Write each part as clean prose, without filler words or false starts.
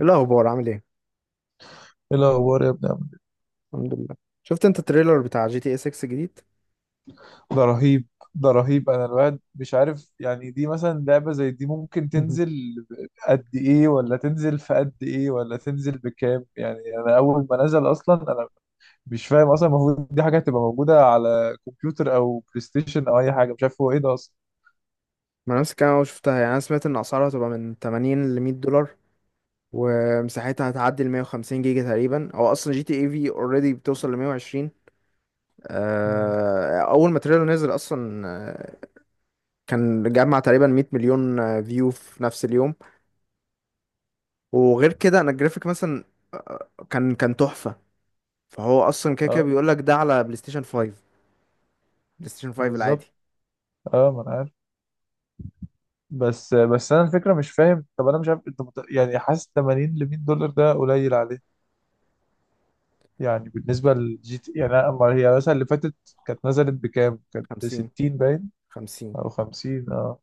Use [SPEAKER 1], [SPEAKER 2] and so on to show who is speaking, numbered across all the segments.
[SPEAKER 1] ايه الاخبار؟ عامل ايه؟
[SPEAKER 2] ايه الاخبار يا ابني عامل
[SPEAKER 1] الحمد لله. شفت انت التريلر بتاع جي تي اي 6 جديد؟
[SPEAKER 2] إيه؟ ده رهيب. انا الواحد مش عارف، يعني دي مثلا لعبة زي دي ممكن تنزل قد ايه؟ ولا تنزل في قد ايه؟ ولا تنزل بكام؟ يعني انا اول ما نزل اصلا انا مش فاهم اصلا. المفروض دي حاجة هتبقى موجودة على كمبيوتر او بلاي ستيشن او اي حاجة، مش عارف هو ايه ده اصلا.
[SPEAKER 1] ما نفس الكلام، انا شفتها، يعني انا سمعت ان اسعارها هتبقى من 80 ل 100 دولار، ومساحتها هتعدي ال 150 جيجا تقريبا. هو اصلا جي تي اي في اوريدي بتوصل ل 120.
[SPEAKER 2] مم.
[SPEAKER 1] اول ما التريلر نزل اصلا كان جمع تقريبا 100 مليون فيو في نفس اليوم. وغير كده انا الجرافيك مثلا كان تحفة. فهو اصلا كده كده
[SPEAKER 2] اه،
[SPEAKER 1] بيقول لك ده على بلاي ستيشن 5. بلاي ستيشن 5 العادي.
[SPEAKER 2] بالظبط. اه، ما انا عارف. بس انا الفكرة مش فاهم، طب انا مش عارف انت، يعني حاسس 80 ل $100 ده قليل عليه. يعني بالنسبة للجي تي، يعني أما هي مثلا اللي فاتت كانت نزلت بكام؟ كانت
[SPEAKER 1] 50.
[SPEAKER 2] بستين باين. أو خمسين، اه.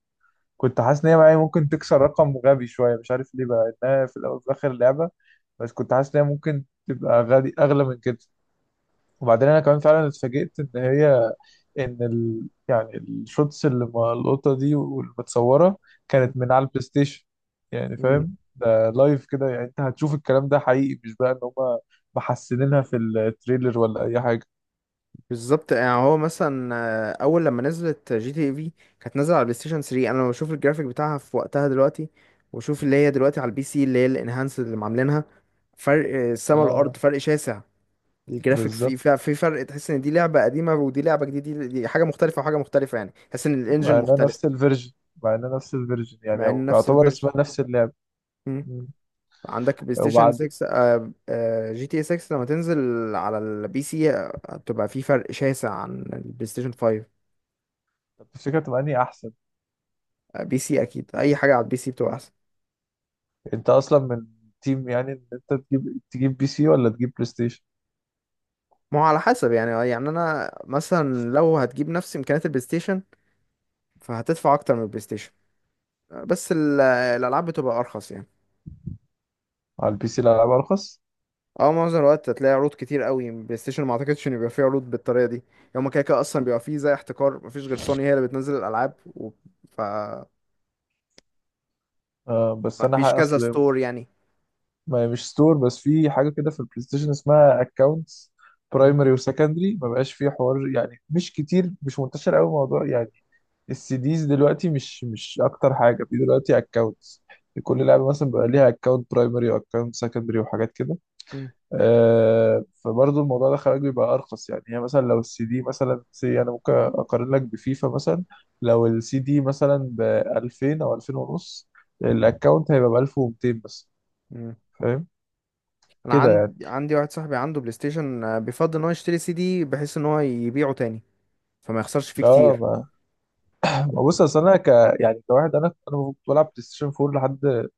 [SPEAKER 2] كنت حاسس إن هي معايا ممكن تكسر رقم غبي شوية، مش عارف ليه بقى، إنها في الأول وفي الآخر لعبة. بس كنت حاسس إن هي ممكن تبقى غالي، أغلى من كده. وبعدين أنا كمان فعلا اتفاجئت إن هي، يعني الشوتس اللي ملقوطة دي والمتصورة
[SPEAKER 1] 50.
[SPEAKER 2] كانت من على البلاي ستيشن. يعني فاهم؟ ده لايف كده، يعني أنت هتشوف الكلام ده حقيقي، مش بقى إن هما محسنينها في التريلر ولا أي حاجة.
[SPEAKER 1] بالظبط. يعني هو مثلا اول لما نزلت جي تي اي في كانت نازله على بلاي ستيشن 3. انا لما بشوف الجرافيك بتاعها في وقتها دلوقتي، واشوف اللي هي دلوقتي على البي سي، اللي هي الانهانس اللي عاملينها، فرق السما
[SPEAKER 2] اه،
[SPEAKER 1] والارض، فرق شاسع. الجرافيك في
[SPEAKER 2] بالظبط.
[SPEAKER 1] في في فرق. تحس ان دي لعبه قديمه ودي لعبه جديده. دي حاجه مختلفه وحاجه مختلفه. يعني تحس ان الانجن
[SPEAKER 2] مع انها
[SPEAKER 1] مختلف.
[SPEAKER 2] نفس الفيرجن. مع انها نفس الفيرجن يعني،
[SPEAKER 1] مع ان
[SPEAKER 2] او
[SPEAKER 1] نفس
[SPEAKER 2] يعتبر
[SPEAKER 1] الفيرجن.
[SPEAKER 2] اسمها نفس اللعب.
[SPEAKER 1] مم.
[SPEAKER 2] مم.
[SPEAKER 1] عندك بلاي ستيشن
[SPEAKER 2] وبعد،
[SPEAKER 1] 6 جي تي اي 6 لما تنزل على البي سي هتبقى في فرق شاسع عن البلاي ستيشن 5.
[SPEAKER 2] طب تفتكر تبقى انهي احسن؟
[SPEAKER 1] بي سي اكيد. اي حاجه على البي سي بتبقى احسن.
[SPEAKER 2] انت اصلا من تيم، يعني ان انت تجيب، بي سي ولا تجيب بلاي ستيشن؟
[SPEAKER 1] ما هو على حسب يعني يعني انا مثلا لو هتجيب نفس امكانيات البلاي ستيشن فهتدفع اكتر من البلاي ستيشن. بس الالعاب بتبقى ارخص يعني.
[SPEAKER 2] على البي سي الالعاب ارخص.
[SPEAKER 1] اه، معظم الوقت هتلاقي عروض كتير قوي. بلاي ستيشن ما اعتقدش ان يبقى فيه عروض بالطريقه دي. يوم كده كده اصلا بيبقى فيه زي احتكار. مفيش غير سوني هي اللي بتنزل الالعاب و... ف
[SPEAKER 2] آه، بس انا ح-
[SPEAKER 1] مفيش كذا
[SPEAKER 2] اصل
[SPEAKER 1] ستور يعني.
[SPEAKER 2] ما هي مش ستور، بس في حاجه كده في البلاي ستيشن اسمها اكونتس،
[SPEAKER 1] م-
[SPEAKER 2] برايمري وسكندري، ما بقاش فيه حوار يعني، مش كتير، مش منتشر قوي الموضوع يعني. السي ديز دلوقتي مش اكتر حاجه في دلوقتي. اكونتس لكل
[SPEAKER 1] م-
[SPEAKER 2] لعبه، مثلا بيبقى ليها اكونت برايمري واكونت سكندري وحاجات كده.
[SPEAKER 1] م-
[SPEAKER 2] آه، فبرضه الموضوع ده خلاك بيبقى ارخص. يعني هي مثلا لو السي دي مثلا، انا ممكن اقارن لك بفيفا مثلا، لو السي دي مثلا ب 2000 او 2000 ونص، الاكونت هيبقى ب 1200 بس.
[SPEAKER 1] م.
[SPEAKER 2] فاهم
[SPEAKER 1] انا
[SPEAKER 2] كده يعني.
[SPEAKER 1] عندي واحد صاحبي عنده بلاي ستيشن بيفضل ان هو يشتري سي دي بحيث ان هو يبيعه تاني، فما يخسرش فيه
[SPEAKER 2] اه،
[SPEAKER 1] كتير.
[SPEAKER 2] ما بص، اصل انا ك يعني كواحد، انا كنت بلعب بلاي ستيشن 4 لحد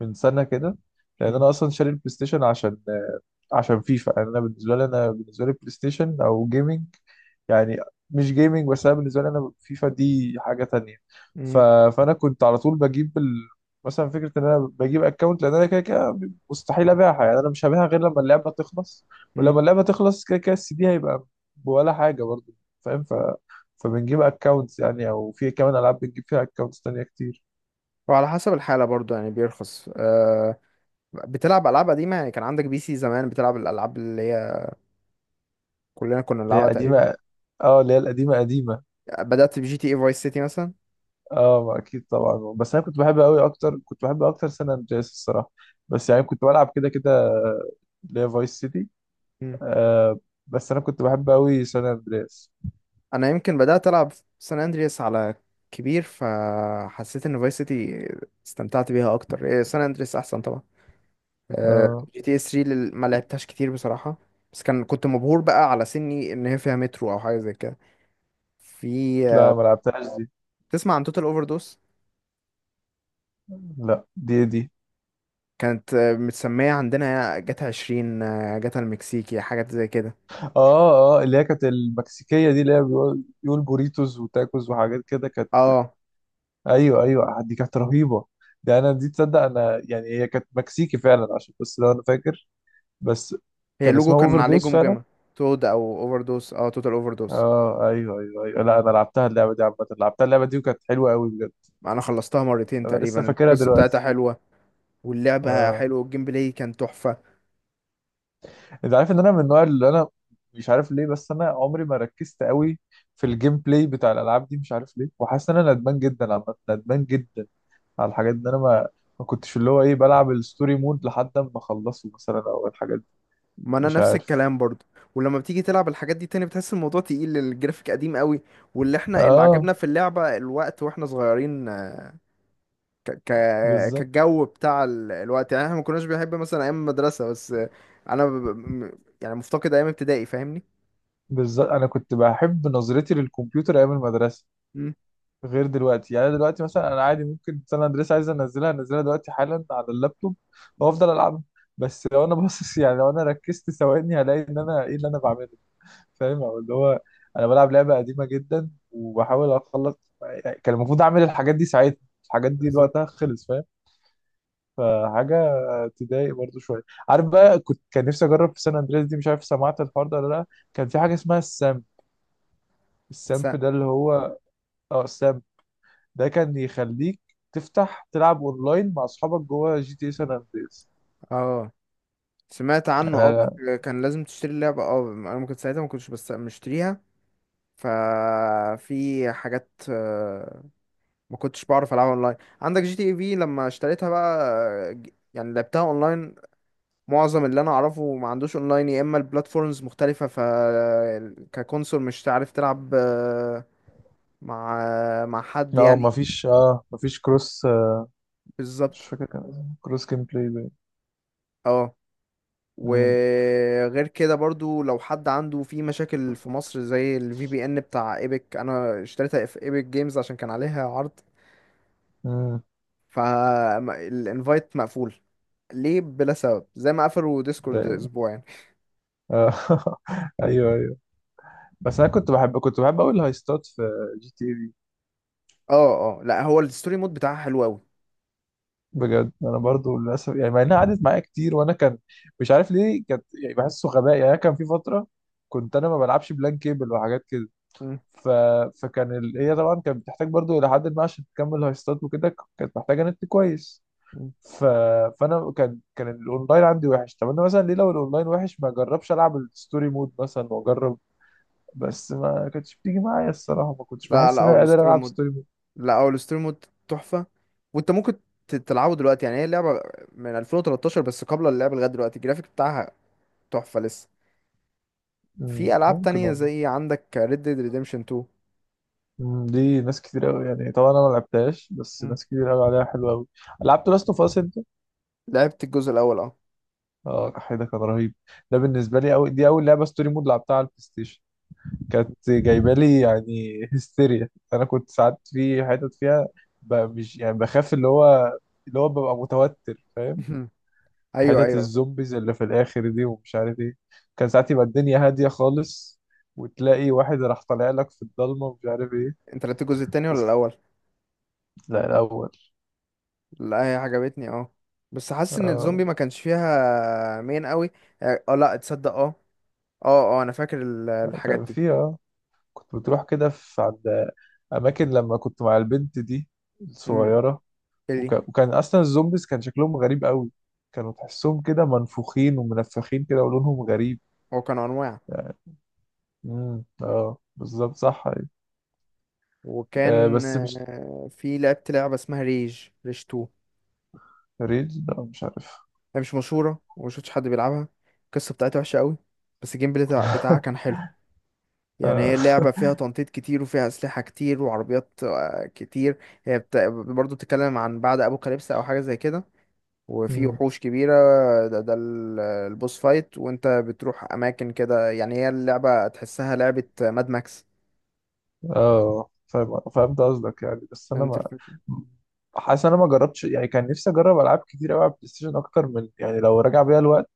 [SPEAKER 2] من سنه كده، لان انا اصلا شاري البلاي ستيشن عشان فيفا. يعني انا بالنسبه لي، انا بالنسبه لي بلاي ستيشن او جيمنج يعني، مش جيمنج بس، انا بالنسبه لي انا فيفا دي حاجه تانية. ف...
[SPEAKER 1] مم.
[SPEAKER 2] فانا كنت على طول بجيب مثلا فكره ان انا بجيب اكونت، لان انا كده كده مستحيل ابيعها. يعني انا مش هبيعها غير لما اللعبه تخلص،
[SPEAKER 1] مم.
[SPEAKER 2] ولما اللعبه تخلص كده كده السي دي هيبقى ولا حاجه برضه، فاهم؟ فبنجيب اكونتس يعني، او في كمان العاب بنجيب فيها اكونتس تانية كتير.
[SPEAKER 1] وعلى حسب الحالة برضو يعني بيرخص، أه. بتلعب ألعاب قديمة يعني كان عندك بي سي زمان بتلعب الألعاب اللي هي كلنا كنا
[SPEAKER 2] اللي هي
[SPEAKER 1] بنلعبها تقريبا.
[SPEAKER 2] قديمه. اه، اللي هي القديمه قديمه.
[SPEAKER 1] بدأت بجي تي اي فايس سيتي مثلا.
[SPEAKER 2] اه، ما اكيد طبعا، بس انا كنت بحب قوي اكتر، كنت بحب اكتر سان اندرياس الصراحه. بس يعني كنت بلعب كده كده اللي هي فايس سيتي.
[SPEAKER 1] مم.
[SPEAKER 2] آه، بس انا كنت بحب قوي سان اندرياس.
[SPEAKER 1] أنا يمكن بدأت ألعب سان أندرياس على كبير، فحسيت إن فايس سيتي استمتعت بيها أكتر. إيه، سان أندرياس أحسن طبعا. أه.
[SPEAKER 2] اه،
[SPEAKER 1] جي تي اس 3 ما لعبتهاش كتير بصراحة، بس كنت مبهور بقى على سني إن هي فيها مترو أو حاجة زي كده. في
[SPEAKER 2] لا
[SPEAKER 1] آه،
[SPEAKER 2] ما لعبتهاش دي.
[SPEAKER 1] تسمع عن توتال أوفر؟
[SPEAKER 2] لا، دي
[SPEAKER 1] كانت متسمية عندنا جاتا عشرين جاتا المكسيكي، حاجات زي كده.
[SPEAKER 2] اه اه، اللي هي كانت المكسيكيه دي، اللي هي بيقول بوريتوس وتاكوز وحاجات كده، كانت.
[SPEAKER 1] اه،
[SPEAKER 2] ايوه ايوه، دي كانت رهيبه. ده انا دي تصدق انا يعني هي كانت مكسيكي فعلا عشان، بس لو انا فاكر، بس
[SPEAKER 1] هي
[SPEAKER 2] كان
[SPEAKER 1] اللوجو
[SPEAKER 2] اسمها
[SPEAKER 1] كان
[SPEAKER 2] اوفر
[SPEAKER 1] عليه
[SPEAKER 2] دوز فعلا.
[SPEAKER 1] جمجمة. تود او اوفر دوس. اه، توتال اوفر دوس.
[SPEAKER 2] اه ايوه ايوه ايوه، لا انا لعبتها اللعبه دي عامه، لعبتها اللعبه دي وكانت حلوه قوي بجد.
[SPEAKER 1] انا خلصتها مرتين
[SPEAKER 2] انا
[SPEAKER 1] تقريبا،
[SPEAKER 2] لسه فاكرها
[SPEAKER 1] القصة بتاعتها
[SPEAKER 2] دلوقتي.
[SPEAKER 1] حلوة، واللعبة
[SPEAKER 2] اه،
[SPEAKER 1] حلوة، والجيم بلاي كان تحفة.
[SPEAKER 2] انت عارف ان انا من النوع اللي انا، مش عارف ليه بس انا عمري ما ركزت قوي في الجيم بلاي بتاع الالعاب دي، مش عارف ليه، وحاسس ان انا ندمان جدا، عامه ندمان جدا على الحاجات دي. انا ما ما كنتش اللي هو ايه، بلعب الستوري مود لحد ما اخلصه مثلا او الحاجات دي.
[SPEAKER 1] ما انا
[SPEAKER 2] مش
[SPEAKER 1] نفس
[SPEAKER 2] عارف.
[SPEAKER 1] الكلام برضو. ولما بتيجي تلعب الحاجات دي تاني بتحس الموضوع تقيل، الجرافيك قديم قوي. واللي احنا اللي
[SPEAKER 2] اه،
[SPEAKER 1] عجبنا في اللعبة الوقت واحنا صغيرين.
[SPEAKER 2] بالظبط.
[SPEAKER 1] كالجو بتاع الوقت، يعني احنا ما كناش بنحب مثلا ايام المدرسه بس. انا يعني مفتقد ايام ابتدائي، فاهمني؟
[SPEAKER 2] بالظبط، انا كنت بحب نظرتي للكمبيوتر ايام المدرسه
[SPEAKER 1] مم.
[SPEAKER 2] غير دلوقتي. يعني أنا دلوقتي مثلا انا عادي ممكن سان اندريس عايز انزلها انزلها دلوقتي حالا على اللابتوب وافضل العبها، بس لو انا باصص، يعني لو انا ركزت ثواني هلاقي ان انا ايه اللي انا بعمله؟ فاهم؟ او اللي هو انا بلعب لعبه قديمه جدا وبحاول اخلص، يعني كان المفروض اعمل الحاجات دي ساعتها. الحاجات دي
[SPEAKER 1] بالظبط.
[SPEAKER 2] وقتها خلص، فاهم؟ فحاجه تضايق برضو شويه. عارف بقى، كنت كان نفسي اجرب في سان اندريس دي، مش عارف سمعت الحوار ده ولا لا، كان في حاجه اسمها السامب.
[SPEAKER 1] س...
[SPEAKER 2] السامب ده اللي هو، اه السامب ده، كان يخليك تفتح تلعب اونلاين مع اصحابك جوه جي تي سان اندريس.
[SPEAKER 1] اه، سمعت عنه، اه
[SPEAKER 2] انا،
[SPEAKER 1] بس كان لازم تشتري اللعبه، اه انا ممكن ساعتها ما كنتش بس مشتريها. ففي حاجات ما كنتش بعرف العبها اونلاين. عندك جي تي اي في لما اشتريتها بقى يعني لعبتها اونلاين. معظم اللي انا اعرفه ما عندوش اونلاين، يا اما البلاتفورمز مختلفه ف ككونسول مش عارف تلعب مع حد
[SPEAKER 2] اه
[SPEAKER 1] يعني.
[SPEAKER 2] مفيش، اه مفيش كروس، آه، مش
[SPEAKER 1] بالظبط.
[SPEAKER 2] فاكر، كان اسمه كروس جيم بلاي باين.
[SPEAKER 1] اه،
[SPEAKER 2] مم.
[SPEAKER 1] وغير كده برضو لو حد عنده في مشاكل في مصر زي الفي بي ان بتاع ايبك، انا اشتريتها في ايبك جيمز عشان كان عليها عرض.
[SPEAKER 2] مم.
[SPEAKER 1] فالانفايت مقفول ليه بلا سبب، زي ما قفلوا
[SPEAKER 2] ده
[SPEAKER 1] ديسكورد
[SPEAKER 2] إيه؟
[SPEAKER 1] اسبوع يعني.
[SPEAKER 2] آه. ايوه ايوه. بس انا كنت بحب، كنت بحب قوي الهايستات في جي تي في.
[SPEAKER 1] اه اه، لا، هو الستوري مود بتاعها حلو قوي.
[SPEAKER 2] بجد انا برضو للاسف يعني، مع انها قعدت معايا كتير وانا كان، مش عارف ليه كانت يعني بحسه غباء. يعني أنا كان في فتره كنت انا ما بلعبش بلان كيبل وحاجات كده. ف... فكان هي طبعا كانت بتحتاج برضو الى حد ما عشان تكمل هايستات وكده، كانت محتاجه نت كويس. ف... فانا كان الاونلاين عندي وحش. طب انا مثلا ليه لو الاونلاين وحش ما اجربش العب الستوري مود مثلا واجرب؟ بس ما كانتش بتيجي معايا الصراحه، ما كنتش
[SPEAKER 1] لا لا،
[SPEAKER 2] بحس ان
[SPEAKER 1] هو
[SPEAKER 2] انا قادر
[SPEAKER 1] الستوري
[SPEAKER 2] العب
[SPEAKER 1] مود.
[SPEAKER 2] ستوري مود.
[SPEAKER 1] لا، هو الستوري مود تحفة. وانت ممكن تلعبه دلوقتي، يعني هي لعبة من 2013، بس قبل اللعبة لغاية دلوقتي الجرافيك بتاعها تحفة لسه.
[SPEAKER 2] مم،
[SPEAKER 1] في ألعاب
[SPEAKER 2] ممكن
[SPEAKER 1] تانية
[SPEAKER 2] والله.
[SPEAKER 1] زي عندك Red Dead Redemption 2.
[SPEAKER 2] مم، دي ناس كتير قوي يعني، طبعا انا ما لعبتهاش، بس
[SPEAKER 1] مم.
[SPEAKER 2] ناس كتير قوي عليها، حلوه قوي. لعبت لاست اوف اس انت؟
[SPEAKER 1] لعبت الجزء الأول، اه.
[SPEAKER 2] اه، ده كان رهيب. ده بالنسبه لي دي اول لعبه ستوري مود لعبتها على البلاي ستيشن، كانت جايبه لي يعني هستيريا. انا كنت ساعات في حتت فيها، ب- مش يعني بخاف، اللي هو اللي هو ببقى متوتر، فاهم؟
[SPEAKER 1] أيوه
[SPEAKER 2] حتت
[SPEAKER 1] أيوه، فاهم.
[SPEAKER 2] الزومبيز اللي في الاخر دي ومش عارف ايه، كان ساعات يبقى الدنيا هاديه خالص وتلاقي واحد راح طالع لك في الضلمه ومش عارف ايه.
[SPEAKER 1] انت لعبت الجزء التاني
[SPEAKER 2] بس
[SPEAKER 1] ولا
[SPEAKER 2] كنت-
[SPEAKER 1] الأول؟
[SPEAKER 2] لا الاول.
[SPEAKER 1] لا، هي عجبتني، اه. بس حاسس إن الزومبي
[SPEAKER 2] آه،
[SPEAKER 1] ما كانش فيها مين قوي. اه، لا تصدق. اه اه، اه أنا فاكر الحاجات
[SPEAKER 2] كان
[SPEAKER 1] دي.
[SPEAKER 2] في، اه كنت بتروح كده في عند اماكن لما كنت مع البنت دي
[SPEAKER 1] امم
[SPEAKER 2] الصغيره.
[SPEAKER 1] اللي
[SPEAKER 2] وكان اصلا الزومبيز كان شكلهم غريب قوي، كانوا تحسهم كده منفوخين ومنفخين كده ولونهم غريب.
[SPEAKER 1] هو كانوا أنواع.
[SPEAKER 2] امم، اه بالظبط صح، أيوة. آه،
[SPEAKER 1] وكان
[SPEAKER 2] بس مش
[SPEAKER 1] في، لعبت لعبة اسمها ريج 2.
[SPEAKER 2] ريد، لا مش عارف.
[SPEAKER 1] هي مش مشهورة وما شفتش حد بيلعبها. القصة بتاعتها وحشة قوي، بس الجيم بلاي بتاعها كان حلو. يعني
[SPEAKER 2] اه.
[SPEAKER 1] هي اللعبة فيها تنطيط كتير وفيها أسلحة كتير وعربيات كتير. هي برضو بتتكلم عن بعد أبوكاليبس أو حاجة زي كده، وفي
[SPEAKER 2] مم.
[SPEAKER 1] وحوش كبيرة. ده البوس فايت وانت بتروح أماكن كده. يعني هي اللعبة تحسها لعبة ماد ماكس.
[SPEAKER 2] آه، فاهم، فهمت قصدك يعني. بس انا
[SPEAKER 1] فهمت
[SPEAKER 2] ما
[SPEAKER 1] الفكرة؟
[SPEAKER 2] حاسس انا ما جربتش يعني، كان نفسي اجرب العاب كتير قوي على البلاي ستيشن اكتر من، يعني لو راجع بيا الوقت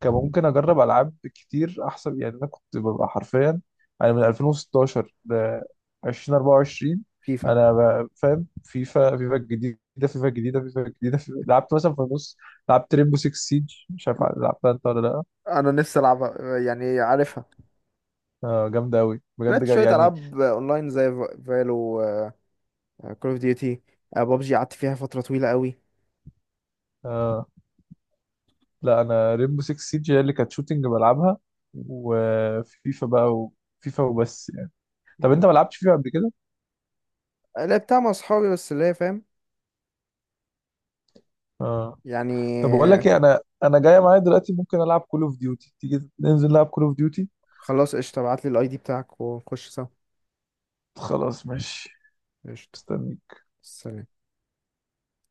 [SPEAKER 2] كان
[SPEAKER 1] مم.
[SPEAKER 2] ممكن اجرب العاب كتير احسن. يعني انا كنت ببقى حرفيا، انا من 2016 ل 2024.
[SPEAKER 1] فيفا.
[SPEAKER 2] فاهم؟ فيفا، فيفا الجديده فيفا. لعبت مثلا في النص لعبت ريمبو 6 سيج، مش عارف لعبتها انت ولا لا.
[SPEAKER 1] انا نفسي العبها، يعني عارفها.
[SPEAKER 2] آه جامده قوي بجد،
[SPEAKER 1] لعبت شوية
[SPEAKER 2] يعني.
[SPEAKER 1] ألعاب أونلاين زي فالو، كول أوف ديوتي، بابجي قعدت فيها فترة طويلة قوي.
[SPEAKER 2] آه لا، انا ريمبو 6 سيج هي اللي كانت شوتنج بلعبها وفيفا بقى. وفيفا وبس يعني. طب انت ما لعبتش فيفا قبل كده؟
[SPEAKER 1] لعبتها مع أصحابي بس اللي هي فاهم
[SPEAKER 2] اه، طب بقول
[SPEAKER 1] يعني.
[SPEAKER 2] لك ايه، انا جايه معايا دلوقتي ممكن العب كول اوف ديوتي، تيجي ننزل نلعب كول اوف ديوتي؟
[SPEAKER 1] خلاص قشطة، ابعتلي الأي دي بتاعك ونخش سوا.
[SPEAKER 2] خلاص ماشي.
[SPEAKER 1] قشطة.
[SPEAKER 2] استنى.
[SPEAKER 1] سلام.